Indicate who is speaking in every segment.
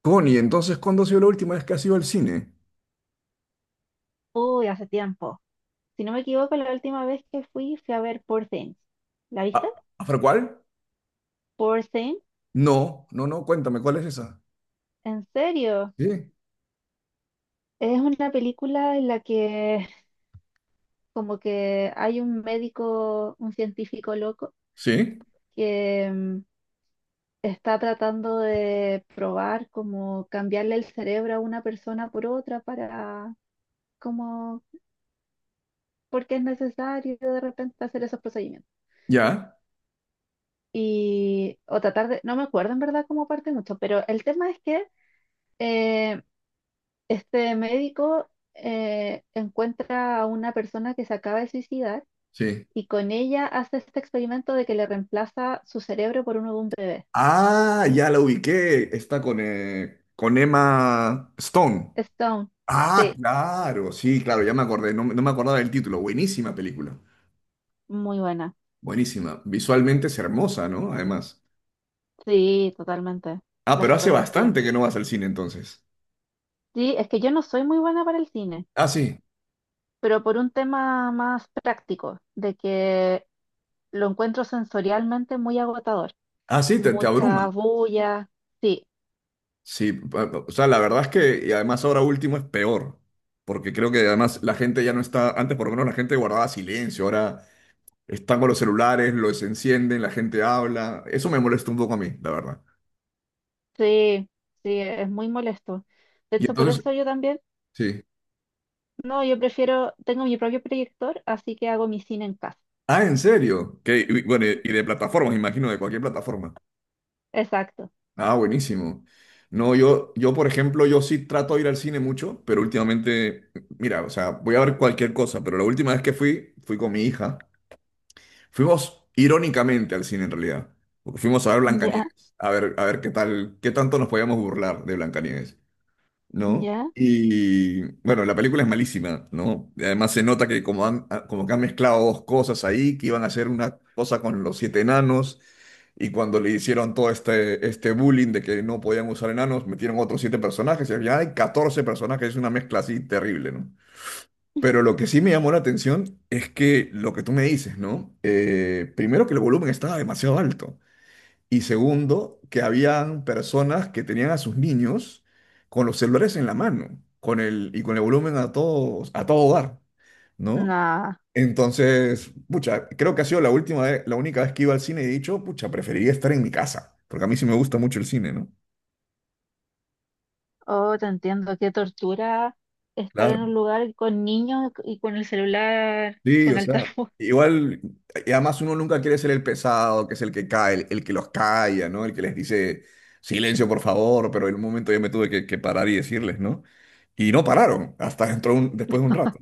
Speaker 1: Connie, entonces, ¿cuándo ha sido la última vez que has ido al cine?
Speaker 2: Uy, hace tiempo. Si no me equivoco, la última vez que fui, fui a ver Poor Things. ¿La
Speaker 1: ¿A,
Speaker 2: viste?
Speaker 1: ¿Afra cuál?
Speaker 2: Poor Things,
Speaker 1: No, no, no, cuéntame, ¿cuál es esa?
Speaker 2: ¿en serio?
Speaker 1: Sí,
Speaker 2: Es una película en la que como que hay un médico, un científico loco,
Speaker 1: sí,
Speaker 2: que está tratando de probar como cambiarle el cerebro a una persona por otra para como porque es necesario de repente hacer esos procedimientos.
Speaker 1: ya,
Speaker 2: Y o tratar de, no me acuerdo en verdad cómo parte mucho, pero el tema es que eh, este médico encuentra a una persona que se acaba de suicidar
Speaker 1: sí.
Speaker 2: y con ella hace este experimento de que le reemplaza su cerebro por uno de un bebé.
Speaker 1: Ah, ya la ubiqué, está con Emma Stone.
Speaker 2: Stone,
Speaker 1: Ah,
Speaker 2: sí,
Speaker 1: claro, sí, claro, ya me acordé, no me acordaba del título, buenísima película,
Speaker 2: muy buena.
Speaker 1: buenísima, visualmente es hermosa, ¿no? Además.
Speaker 2: Sí, totalmente.
Speaker 1: Ah,
Speaker 2: La
Speaker 1: pero hace
Speaker 2: fotografía.
Speaker 1: bastante que no vas al cine entonces.
Speaker 2: Sí, es que yo no soy muy buena para el cine,
Speaker 1: Ah, sí,
Speaker 2: pero por un tema más práctico, de que lo encuentro sensorialmente muy agotador.
Speaker 1: ah, sí, te
Speaker 2: Mucha
Speaker 1: abruma.
Speaker 2: bulla. Sí,
Speaker 1: Sí, o sea, la verdad es que, y además ahora último es peor, porque creo que además la gente ya no está, antes por lo menos la gente guardaba silencio, ahora están con los celulares, los encienden, la gente habla, eso me molesta un poco a mí, la verdad.
Speaker 2: sí, sí, es muy molesto. De
Speaker 1: Y
Speaker 2: hecho, por
Speaker 1: entonces,
Speaker 2: eso yo también...
Speaker 1: sí.
Speaker 2: No, yo prefiero, tengo mi propio proyector, así que hago mi cine en casa.
Speaker 1: Ah, ¿en serio? Que, y bueno, y de plataformas, imagino, de cualquier plataforma.
Speaker 2: Exacto.
Speaker 1: Ah, buenísimo. No, por ejemplo, yo sí trato de ir al cine mucho, pero últimamente, mira, o sea, voy a ver cualquier cosa, pero la última vez que fui, fui con mi hija. Fuimos irónicamente al cine en realidad, porque fuimos a ver
Speaker 2: Ya,
Speaker 1: Blancanieves, a ver qué tal, qué tanto nos podíamos burlar de Blancanieves, ¿no?
Speaker 2: ya.
Speaker 1: Y bueno, la película es malísima, ¿no? Y Además se nota que como han, ah, como que han mezclado dos cosas ahí, que iban a hacer una cosa con los siete enanos, y cuando le hicieron todo este bullying de que no podían usar enanos, metieron otros siete personajes, y al final hay 14 personajes, es una mezcla así terrible, ¿no? Pero lo que sí me llamó la atención es que lo que tú me dices, ¿no? Primero que el volumen estaba demasiado alto y segundo que habían personas que tenían a sus niños con los celulares en la mano, con el volumen a todos a todo dar, ¿no?
Speaker 2: Nah.
Speaker 1: Entonces, pucha, creo que ha sido la única vez que iba al cine y he dicho, pucha, preferiría estar en mi casa, porque a mí sí me gusta mucho el cine, ¿no?
Speaker 2: Oh, te entiendo, qué tortura estar
Speaker 1: Claro.
Speaker 2: en un lugar con niños y con el celular
Speaker 1: Sí,
Speaker 2: con
Speaker 1: o sea,
Speaker 2: altavoz.
Speaker 1: igual, y además uno nunca quiere ser el pesado, que es el que cae, el que los calla, ¿no? El que les dice, silencio, por favor, pero en un momento yo me tuve que parar y decirles, ¿no? Y no pararon, hasta después de un rato.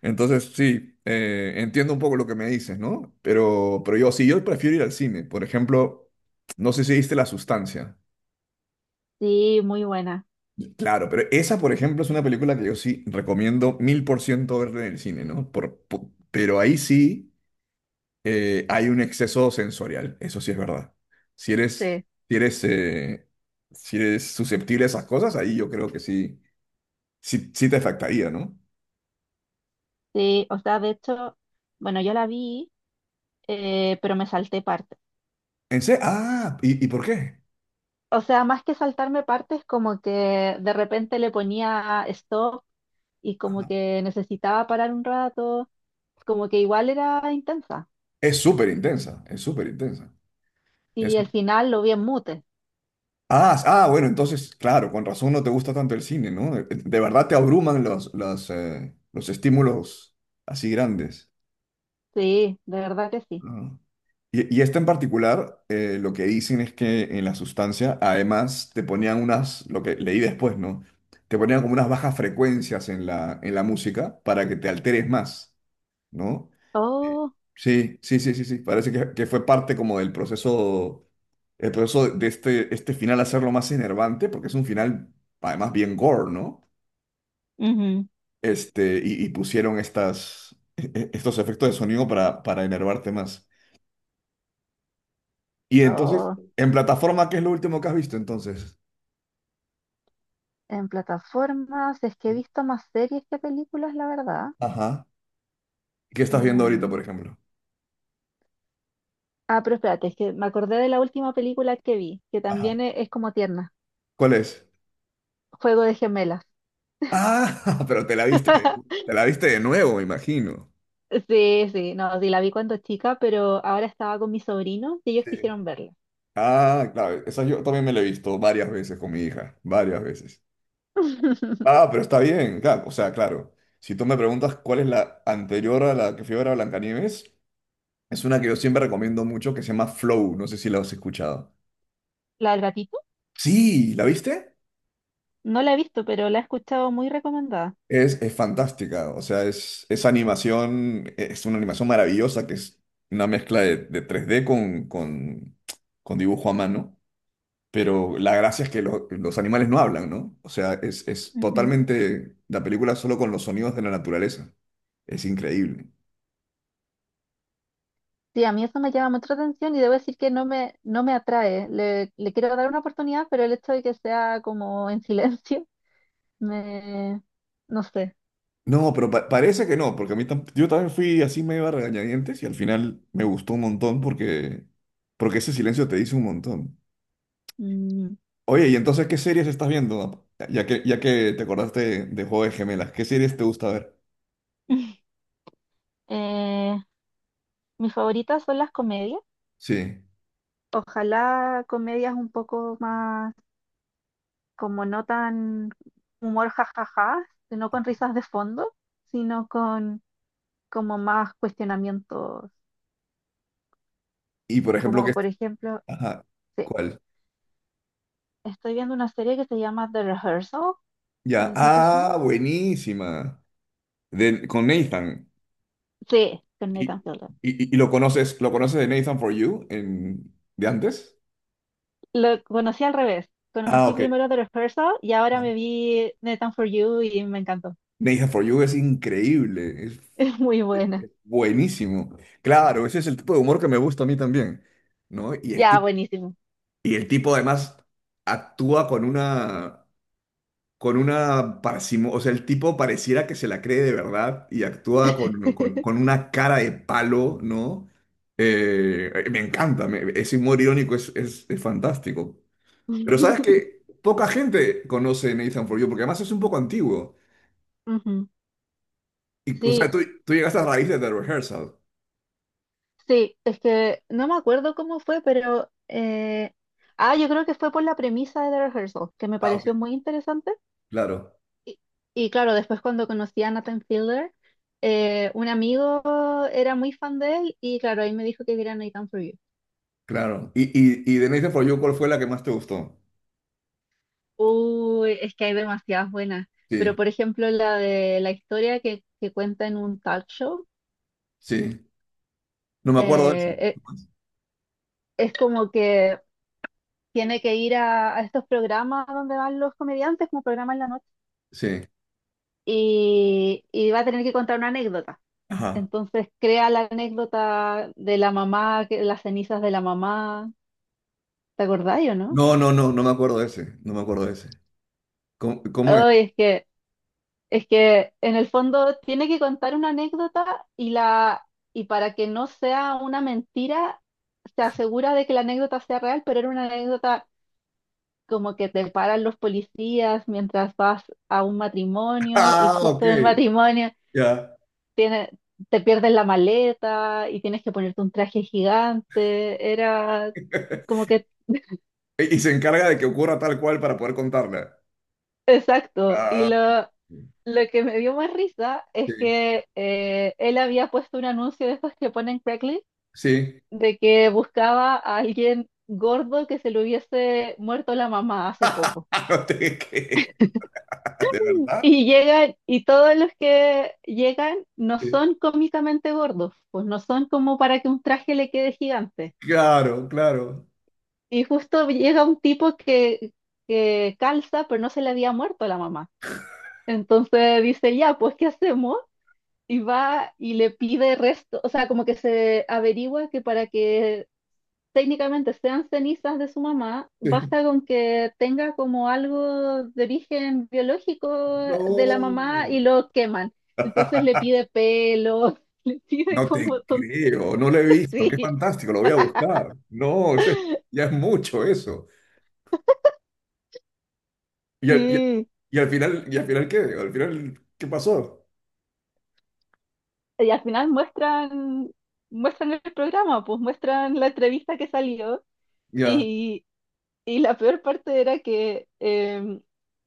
Speaker 1: Entonces, sí, entiendo un poco lo que me dices, ¿no? Pero yo sí, yo prefiero ir al cine. Por ejemplo, no sé si viste La Sustancia.
Speaker 2: Sí, muy buena.
Speaker 1: Claro, pero esa, por ejemplo, es una película que yo sí recomiendo mil por ciento verla en el cine, ¿no? Pero ahí sí. Hay un exceso sensorial, eso sí es verdad. Si eres,
Speaker 2: Sí,
Speaker 1: si eres, eh, si eres susceptible a esas cosas, ahí yo creo que sí, sí, sí te afectaría, ¿no?
Speaker 2: sí. O sea, de hecho, bueno, yo la vi, pero me salté partes.
Speaker 1: Ah, y por qué?
Speaker 2: O sea, más que saltarme partes, como que de repente le ponía stop y como
Speaker 1: Ajá.
Speaker 2: que necesitaba parar un rato, como que igual era intensa.
Speaker 1: Es súper intensa, es súper intensa. Es-
Speaker 2: Y el final lo vi en mute.
Speaker 1: ah, ah, bueno, entonces, claro, con razón no te gusta tanto el cine, ¿no? De verdad te abruman los estímulos así grandes.
Speaker 2: Sí, de verdad que sí.
Speaker 1: Ah. Y esta en particular, lo que dicen es que en la sustancia, además, te ponían unas, lo que leí después, ¿no? Te ponían como unas bajas frecuencias en la música para que te alteres más, ¿no? Eh,
Speaker 2: Oh.
Speaker 1: Sí, sí, sí, sí, sí. Parece que fue parte como del proceso, el proceso de este final hacerlo más enervante, porque es un final, además, bien gore, ¿no?
Speaker 2: Ujú.
Speaker 1: Este, y pusieron estas, estos efectos de sonido para enervarte más. Y entonces,
Speaker 2: Oh.
Speaker 1: en plataforma, ¿qué es lo último que has visto entonces?
Speaker 2: En plataformas, es que he visto más series que películas, la verdad.
Speaker 1: Ajá, ¿qué estás viendo ahorita, por
Speaker 2: Em,
Speaker 1: ejemplo?
Speaker 2: ah, pero espérate, es que me acordé de la última película que vi, que
Speaker 1: Ajá.
Speaker 2: también es, como tierna.
Speaker 1: ¿Cuál es?
Speaker 2: Juego de gemelas.
Speaker 1: Ah, pero te la viste de, te la viste de nuevo, me imagino.
Speaker 2: Sí, sí, no, sí, la vi cuando chica, pero ahora estaba con mis sobrinos y ellos
Speaker 1: Sí.
Speaker 2: quisieron verla.
Speaker 1: Ah, claro, esa yo también me la he visto varias veces con mi hija, varias veces. Ah, pero está bien, claro, o sea, claro. Si tú me preguntas cuál es la anterior a la que fui a ver a Blancanieves, es una que yo siempre recomiendo mucho que se llama Flow, no sé si la has escuchado.
Speaker 2: ¿La del gatito?
Speaker 1: Sí, ¿la viste?
Speaker 2: No la he visto, pero la he escuchado muy recomendada.
Speaker 1: Es fantástica, o sea, es animación, e, es una animación maravillosa que es una mezcla de tres d con dibujo a mano, pero la gracia es que los animales no hablan, ¿no? O sea, es totalmente la película solo con los sonidos de la naturaleza. Es increíble.
Speaker 2: Sí, a mí eso me llama mucha atención y debo decir que no me atrae. Le quiero dar una oportunidad, pero el hecho de que sea como en silencio, me, no sé.
Speaker 1: No, pero parece que no, porque a mí yo también fui así medio a regañadientes y al final me gustó un montón porque, porque ese silencio te dice un montón.
Speaker 2: Mm.
Speaker 1: Oye, ¿y entonces qué series estás viendo? Ya que te acordaste de Juego de Gemelas, ¿qué series te gusta ver?
Speaker 2: Eh, mis favoritas son las comedias.
Speaker 1: Sí.
Speaker 2: Ojalá comedias un poco más, como no tan humor jajaja, sino con risas de fondo, sino con como más cuestionamientos.
Speaker 1: Y por ejemplo,
Speaker 2: Como
Speaker 1: ¿qué?
Speaker 2: por ejemplo,
Speaker 1: Ajá,
Speaker 2: sí,
Speaker 1: ¿cuál?
Speaker 2: estoy viendo una serie que se llama The Rehearsal. No
Speaker 1: Ya.
Speaker 2: sé si te suena.
Speaker 1: Ah, buenísima. De, con Nathan.
Speaker 2: Sí, con
Speaker 1: ¿Y,
Speaker 2: Nathan Fielder.
Speaker 1: y, y lo conoces de Nathan For You en, de antes?
Speaker 2: Lo conocí al revés.
Speaker 1: Ah,
Speaker 2: Conocí
Speaker 1: ok.
Speaker 2: primero The Rehearsal y ahora
Speaker 1: Ah.
Speaker 2: me vi Nathan For You y me encantó.
Speaker 1: Nathan For You es increíble, es
Speaker 2: Es muy buena.
Speaker 1: buenísimo. Claro, ese es el tipo de humor que me gusta a mí también, ¿no?
Speaker 2: Ya, buenísimo.
Speaker 1: Y el tipo además actúa con una parsimonia, o sea, el tipo pareciera que se la cree de verdad y actúa con, con una cara de palo, ¿no? Me encanta, ese humor irónico es, es fantástico. Pero sabes que poca gente conoce Nathan For You, porque además es un poco antiguo.
Speaker 2: Ujú.
Speaker 1: Y, o sea,
Speaker 2: Sí,
Speaker 1: tú llegaste a raíz de The Rehearsal.
Speaker 2: sí, es que no me acuerdo cómo fue, pero... ah, yo creo que fue por la premisa de The Rehearsal, que me
Speaker 1: Ah, ok.
Speaker 2: pareció muy interesante.
Speaker 1: Claro,
Speaker 2: Y, y claro, después cuando conocí a Nathan Fielder, un amigo era muy fan de él y claro, ahí me dijo que viera Nathan For You.
Speaker 1: claro. Y de Nathan For You, ¿cuál fue la que más te gustó?
Speaker 2: Uy, es que hay demasiadas buenas.
Speaker 1: Sí,
Speaker 2: Pero por ejemplo, la de la historia que cuenta en un talk show,
Speaker 1: sí. No me acuerdo de ese.
Speaker 2: eh, e- es como que tiene que ir a estos programas donde van los comediantes, como programas en la noche,
Speaker 1: Sí.
Speaker 2: y va a tener que contar una anécdota.
Speaker 1: Ajá.
Speaker 2: Entonces crea la anécdota de la mamá, que, las cenizas de la mamá. ¿Te acordáis o no?
Speaker 1: No, no, no, no me acuerdo de ese. No me acuerdo de ese. ¿Cómo, cómo es?
Speaker 2: Uy, es que es que en el fondo tiene que contar una anécdota y la para que no sea una mentira, se asegura de que la anécdota sea real, pero era una anécdota como que te paran los policías mientras vas a un matrimonio y
Speaker 1: Ah, ok,
Speaker 2: justo en el matrimonio
Speaker 1: ya.
Speaker 2: tiene, te pierden la maleta y tienes que ponerte un traje gigante. Era como que
Speaker 1: Y y se encarga de que ocurra tal cual para poder contarla.
Speaker 2: exacto.
Speaker 1: Ah, ok,
Speaker 2: Lo que me dio más risa
Speaker 1: sí,
Speaker 2: es que él había puesto un anuncio de estos que ponen Craigslist
Speaker 1: sí.
Speaker 2: de que buscaba a alguien gordo que se le hubiese muerto la mamá hace poco.
Speaker 1: No te creas, ¿de verdad?
Speaker 2: Y llegan, y todos los que llegan no
Speaker 1: Sí.
Speaker 2: son cómicamente gordos, pues no son como para que un traje le quede gigante.
Speaker 1: Claro, claro.
Speaker 2: Y justo llega un tipo que calza, pero no se le había muerto la mamá. Entonces dice, ya, pues ¿qué hacemos? Y va y le pide resto, o sea, como que se averigua que para que técnicamente sean cenizas de su mamá,
Speaker 1: Sí.
Speaker 2: basta con que tenga como algo de origen biológico de la
Speaker 1: No.
Speaker 2: mamá y lo queman. Entonces le pide pelo, le pide
Speaker 1: No te
Speaker 2: como tonto.
Speaker 1: creo, no lo he visto. Qué
Speaker 2: Sí,
Speaker 1: fantástico, lo voy a buscar. No, eso es- ya es mucho eso. Y al, y-
Speaker 2: sí.
Speaker 1: ¿Y al final qué? ¿Al final qué pasó?
Speaker 2: Y al final muestran, muestran el programa, pues muestran la entrevista que salió
Speaker 1: Ya,
Speaker 2: y, y la peor parte era que,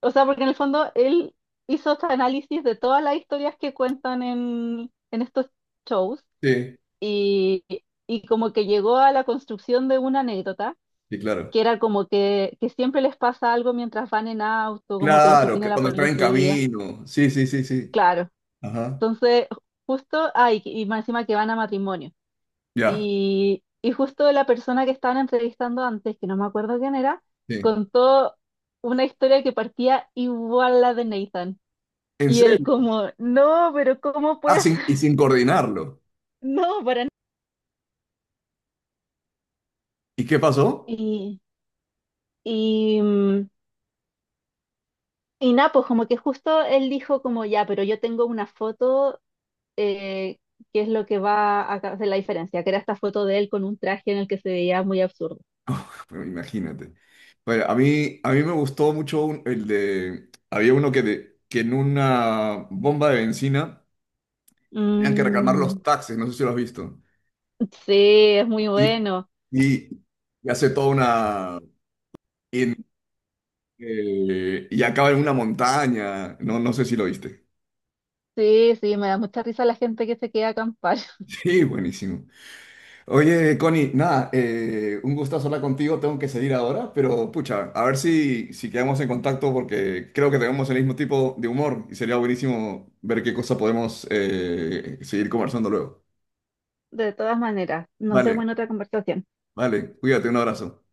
Speaker 2: o sea, porque en el fondo él hizo este análisis de todas las historias que cuentan en estos shows
Speaker 1: sí,
Speaker 2: y, y como que llegó a la construcción de una anécdota,
Speaker 1: sí, claro.
Speaker 2: que era como que siempre les pasa algo mientras van en auto, como que los
Speaker 1: Claro,
Speaker 2: detiene
Speaker 1: que
Speaker 2: la
Speaker 1: cuando está en
Speaker 2: policía,
Speaker 1: camino. Sí, sí, sí, sí.
Speaker 2: claro.
Speaker 1: Ajá.
Speaker 2: Entonces, justo, ay, y más encima que van a matrimonio.
Speaker 1: Ya.
Speaker 2: Y justo la persona que estaban entrevistando antes, que no me acuerdo quién era,
Speaker 1: Sí.
Speaker 2: contó una historia que partía igual a la de Nathan.
Speaker 1: ¿En
Speaker 2: Y él
Speaker 1: serio?
Speaker 2: como, no, pero ¿cómo
Speaker 1: Ah,
Speaker 2: puedes?
Speaker 1: sin, y sin coordinarlo.
Speaker 2: No, para nada.
Speaker 1: ¿Y qué pasó?
Speaker 2: Y, y, mm, Y nada, pues como que justo él dijo como ya, pero yo tengo una foto eh, que es lo que va a hacer la diferencia, que era esta foto de él con un traje en el que se veía muy absurdo.
Speaker 1: Bueno, imagínate. Bueno, a mí me gustó mucho el de... Había uno que, que en una bomba de benzina tenían que reclamar
Speaker 2: Mm,
Speaker 1: los taxis, no sé si lo has visto.
Speaker 2: sí, es muy
Speaker 1: Y,
Speaker 2: bueno.
Speaker 1: y, y hace toda una... Y, y acaba en una montaña. No, no sé si lo viste.
Speaker 2: Sí, sí, me da mucha risa la gente que se queda a acampar.
Speaker 1: Sí, buenísimo. Oye, Connie, nada, un gustazo hablar contigo, tengo que seguir ahora, pero pucha, a ver si, si quedamos en contacto porque creo que tenemos el mismo tipo de humor y sería buenísimo ver qué cosa podemos seguir conversando luego.
Speaker 2: De todas maneras, nos vemos
Speaker 1: Vale,
Speaker 2: en otra conversación.
Speaker 1: vale, cuídate, un abrazo.